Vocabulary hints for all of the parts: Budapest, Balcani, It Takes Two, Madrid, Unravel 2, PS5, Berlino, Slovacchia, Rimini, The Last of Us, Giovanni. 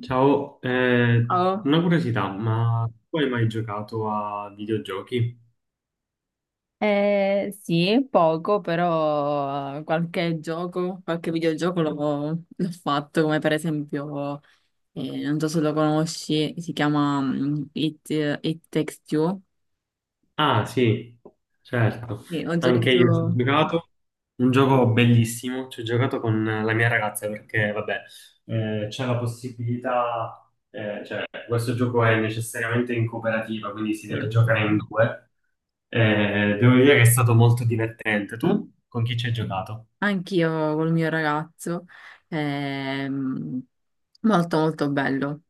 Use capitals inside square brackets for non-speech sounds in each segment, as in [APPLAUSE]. Ciao, Oh, una curiosità, ma tu hai mai giocato a videogiochi? Sì, poco, però qualche gioco, qualche videogioco l'ho fatto, come per esempio, non so se lo conosci, si chiama It Takes Two. Ah, sì, certo, Sì, ho anche io ci ho giocato giocato, un gioco bellissimo, ci ho giocato con la mia ragazza perché, vabbè, c'è la possibilità, cioè, questo gioco è necessariamente in cooperativa, quindi si sì, deve giocare in due. Devo dire che è stato molto divertente. Tu con chi ci hai giocato? anch'io col mio ragazzo, ehm, molto molto bello.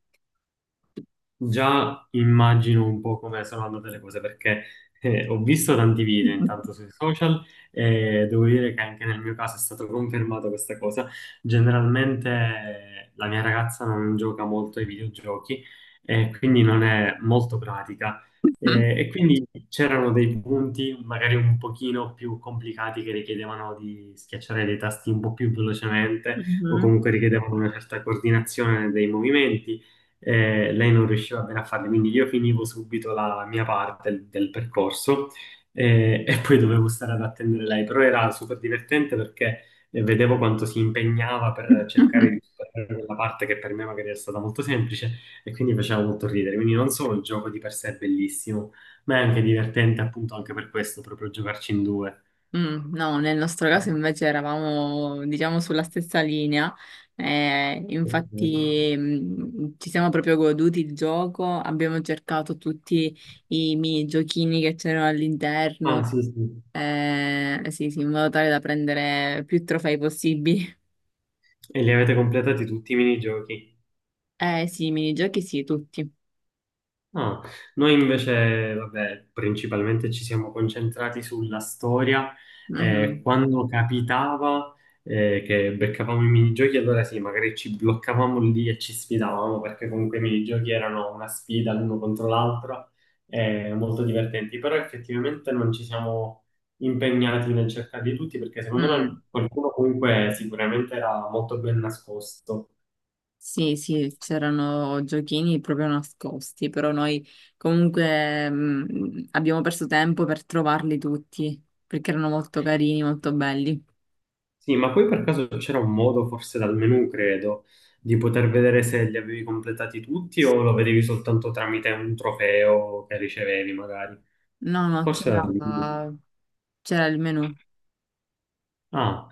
Già immagino un po' come sono andate le cose perché ho visto tanti video [LAUGHS] intanto sui social e devo dire che anche nel mio caso è stata confermata questa cosa. Generalmente la mia ragazza non gioca molto ai videogiochi e quindi non è molto pratica. E quindi c'erano dei punti magari un pochino più complicati che richiedevano di schiacciare dei tasti un po' più velocemente o Mhm. comunque richiedevano una certa coordinazione dei movimenti. Lei non riusciva bene a farle, quindi io finivo subito la mia parte del percorso, e poi dovevo stare ad attendere lei, però era super divertente perché vedevo quanto si impegnava per cercare di [LAUGHS] superare quella parte che per me magari era stata molto semplice e quindi faceva molto ridere, quindi non solo il gioco di per sé è bellissimo, ma è anche divertente appunto anche per questo, proprio giocarci in due. Mm, no, nel nostro caso invece eravamo, diciamo, sulla stessa linea. Ok. Infatti, ci siamo proprio goduti il gioco, abbiamo cercato tutti i mini giochini che c'erano Ah, all'interno, sì, sì. Sì, sì, in modo tale da prendere più trofei possibili. [LAUGHS] E li avete completati tutti i minigiochi? Eh sì, i minigiochi sì, tutti. Ah, noi invece, vabbè, principalmente ci siamo concentrati sulla storia. Mhm. Quando capitava che beccavamo i minigiochi, allora sì, magari ci bloccavamo lì e ci sfidavamo, perché comunque i minigiochi erano una sfida l'uno contro l'altro, molto divertenti. Però effettivamente non ci siamo impegnati nel cercarli tutti, perché secondo me Mm. qualcuno comunque sicuramente era molto ben nascosto. Sì, sì, c'erano giochini proprio nascosti, però noi comunque abbiamo perso tempo per trovarli tutti, perché erano molto carini, molto belli. Sì, ma poi per caso c'era un modo, forse dal menu, credo, di poter vedere se li avevi completati tutti o lo vedevi soltanto tramite un trofeo che ricevevi, magari. No, no, Forse era c'era dal menu. c'era il menù. Ah,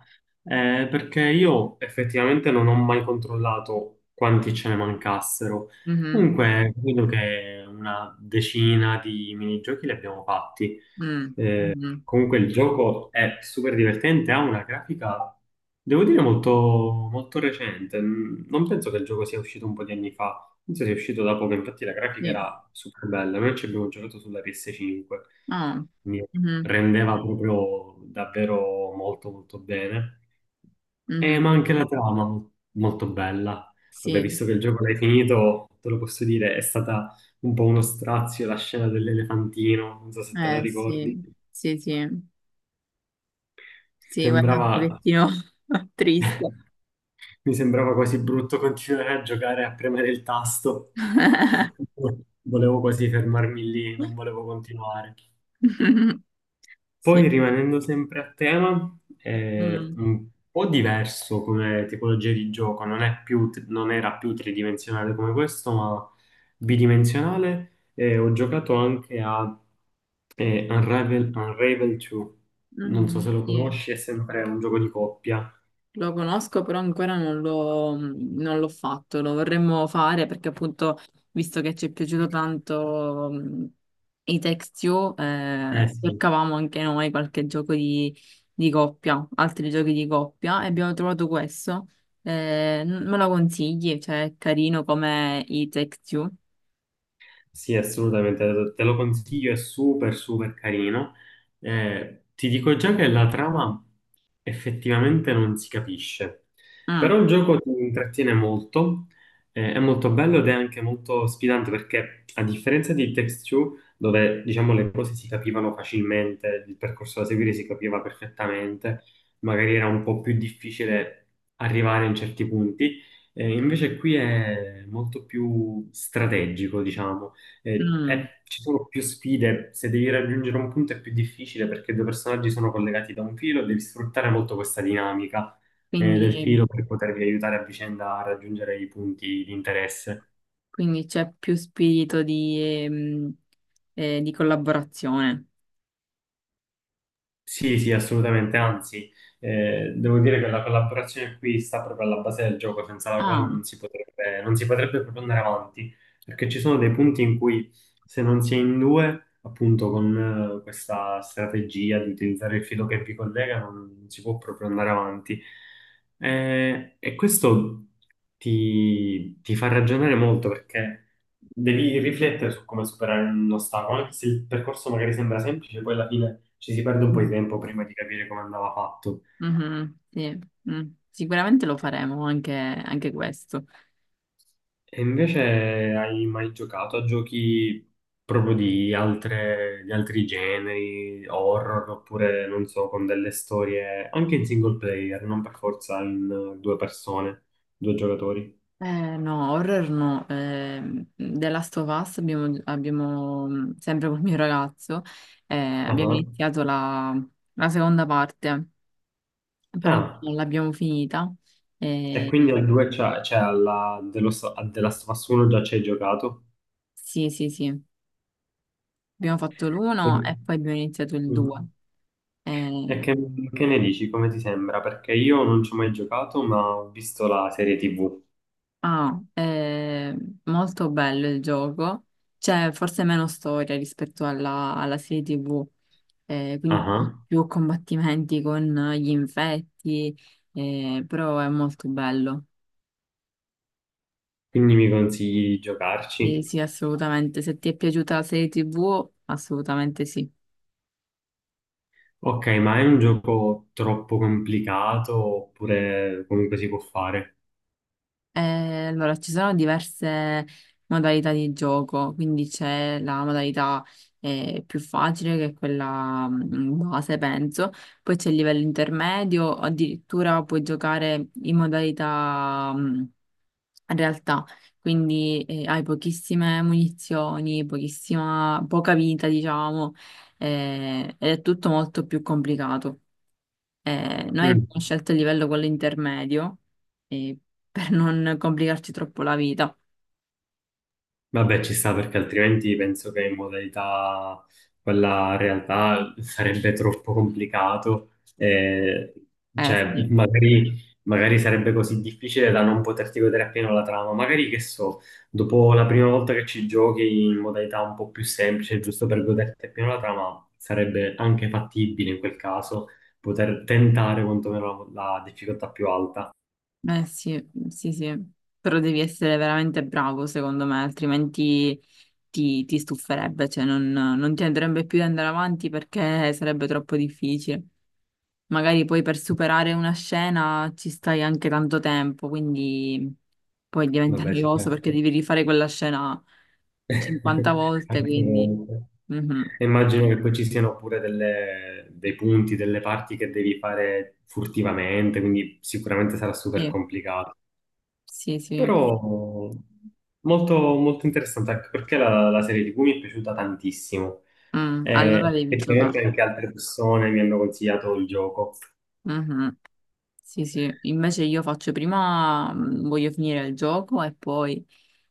perché io effettivamente non ho mai controllato quanti ce ne mancassero. Mhm, Comunque, credo che una decina di minigiochi li abbiamo fatti. mm, mhm. Comunque il gioco è super divertente, ha una grafica, devo dire, molto, molto recente. Non penso che il gioco sia uscito un po' di anni fa, penso sia uscito da poco, infatti la grafica Sì. era super bella. Noi ci abbiamo giocato sulla PS5, Ah, quindi mhm, rendeva proprio davvero molto molto bene. Ma mhm. anche la trama molto bella. Vabbè, Sì, visto che il gioco l'hai finito, te lo posso dire, è stata un po' uno strazio la scena dell'elefantino, non so se te la eh ricordi. sì, sì, sì, sì, guarda un Sembrava, pochettino [LAUGHS] triste. mi sembrava quasi brutto continuare a giocare a premere il tasto. [LAUGHS] Volevo quasi fermarmi lì, non volevo continuare. [LAUGHS] Sì. Poi, rimanendo sempre a tema, è Mm, un po' diverso come tipologia di gioco, non era più tridimensionale come questo, ma bidimensionale. E ho giocato anche a Unravel, Unravel 2. Non so mm, se lo sì. conosci, è sempre un gioco di coppia. Lo conosco, però ancora non l'ho fatto, lo vorremmo fare perché appunto, visto che ci è piaciuto tanto i Text You, Eh sì. cercavamo anche noi qualche gioco di coppia, altri giochi di coppia e abbiamo trovato questo. Me lo consigli? Cioè, è carino come i Text You? Sì, assolutamente, te lo consiglio, è super super carino. Ti dico già che la trama effettivamente non si capisce, Mm, però il gioco ti intrattiene molto, è molto bello ed è anche molto sfidante perché a differenza di It Takes Two, dove diciamo le cose si capivano facilmente, il percorso da seguire si capiva perfettamente, magari era un po' più difficile arrivare in certi punti. Invece qui è molto più strategico, diciamo. Mm. Ci sono più sfide, se devi raggiungere un punto è più difficile perché due personaggi sono collegati da un filo e devi sfruttare molto questa dinamica, del Quindi, filo, per potervi aiutare a vicenda a raggiungere i punti di interesse. quindi c'è più spirito ehm, di collaborazione. Sì, sì, assolutamente, anzi, devo dire che la collaborazione qui sta proprio alla base del gioco, senza la quale Ah. non si potrebbe proprio andare avanti, perché ci sono dei punti in cui, se non si è in due, appunto con questa strategia di utilizzare il filo che vi collega, non si può proprio andare avanti. E questo ti fa ragionare molto perché devi riflettere su come superare un ostacolo, anche se il percorso magari sembra semplice, poi alla fine ci si perde un po' di Mm. tempo prima di capire come andava fatto. Mhm, sì, mm. Sicuramente lo faremo anche, anche questo. E invece hai mai giocato a giochi proprio di altri generi, horror, oppure non so, con delle storie anche in single player, non per forza in due persone, due giocatori? No, horror no. The Last of Us sempre col mio ragazzo, abbiamo Ah, iniziato la, la seconda parte, però ah, non l'abbiamo finita. e Eh, quindi al 2 c'è alla The Last of Us 1 già ci hai giocato? sì, sì, sì. Abbiamo fatto l'uno Sì. e poi abbiamo iniziato il due. Mm. E che, Ehm, che ne dici? Come ti sembra? Perché io non ci ho mai giocato, ma ho visto la serie TV. Ah, è molto bello il gioco. C'è forse meno storia rispetto alla, alla serie TV, quindi Ah, più combattimenti con gli infetti, però è molto bello. quindi mi consigli di Sì, giocarci? sì, assolutamente. Se ti è piaciuta la serie TV, assolutamente sì. Ok, ma è un gioco troppo complicato oppure comunque si può fare? Allora, ci sono diverse modalità di gioco, quindi c'è la modalità più facile, che è quella base, penso, poi c'è il livello intermedio, addirittura puoi giocare in modalità realtà, quindi hai pochissime munizioni, pochissima, poca vita, diciamo, ed è tutto molto più complicato. Noi Mm. abbiamo scelto il livello quello intermedio eh, per non complicarci troppo la vita. Vabbè, ci sta perché altrimenti penso che in modalità quella realtà sarebbe troppo complicato. E, Eh cioè, sì, magari sarebbe così difficile da non poterti godere appieno la trama. Magari, che so, dopo la prima volta che ci giochi in modalità un po' più semplice, giusto per goderti appieno la trama, sarebbe anche fattibile in quel caso poter tentare quantomeno la difficoltà più alta. eh sì, sì, sì. Però devi essere veramente bravo, secondo me, altrimenti ti stuferebbe, cioè non, non ti andrebbe più di andare avanti perché sarebbe troppo difficile. Magari poi per superare una scena ci stai anche tanto tempo, quindi poi diventa Vabbè, sì, noioso perché certo. devi rifare quella scena 50 [LAUGHS] volte, Anche quindi... veramente. Mhm. E immagino che poi ci siano pure dei punti, delle parti che devi fare furtivamente, quindi sicuramente sarà super Sì. complicato. Sì, sì. Però molto, molto interessante, anche perché la serie TV mi è piaciuta tantissimo. Mm, allora E devi giocare. effettivamente anche altre persone mi hanno consigliato il gioco. Mhm. Sì, sì. Invece io faccio prima, voglio finire il gioco e poi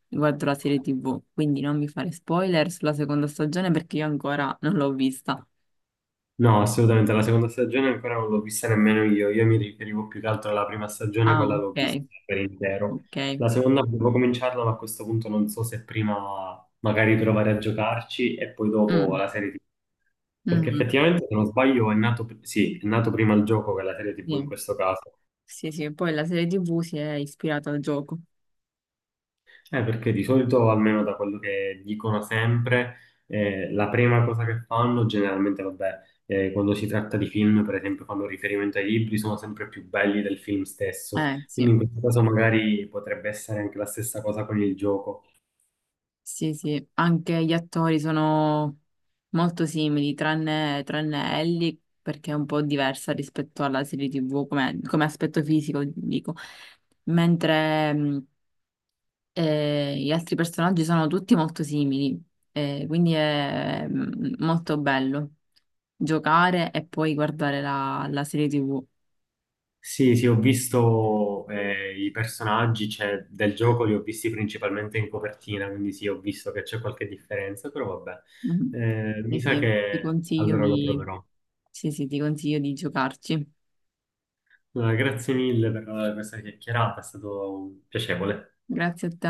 guardo la serie TV. Quindi non mi fare spoiler sulla seconda stagione perché io ancora non l'ho vista. No, assolutamente, la seconda stagione ancora non l'ho vista nemmeno io mi riferivo più che altro alla prima stagione, Ah, quella l'ho vista ok, per intero. ok. La seconda devo cominciarla, ma a questo punto non so se prima magari provare a giocarci e poi dopo Mm, la serie TV. Perché mhm. effettivamente, se non sbaglio, è nato, sì, è nato prima il gioco che la serie TV in Sì. questo caso. Sì, sì. Poi la serie TV si è ispirata al gioco. Perché di solito, almeno da quello che dicono sempre, la prima cosa che fanno, generalmente, vabbè, quando si tratta di film, per esempio, fanno riferimento ai libri, sono sempre più belli del film stesso. Sì. Quindi in questo caso magari potrebbe essere anche la stessa cosa con il gioco. Sì, sì, anche gli attori sono molto simili, tranne, tranne Ellie, perché è un po' diversa rispetto alla serie TV come, come aspetto fisico, dico. Mentre gli altri personaggi sono tutti molto simili, quindi è molto bello giocare e poi guardare la, la serie TV. Sì, sì, ho visto i personaggi, cioè, del gioco, li ho visti principalmente in copertina, quindi sì, ho visto che c'è qualche differenza, però vabbè, Mm. mi Sì, sa sì, ti che consiglio allora lo di, proverò. sì, sì, ti consiglio di giocarci. Allora, grazie mille per questa chiacchierata, è stato piacevole. Grazie a te.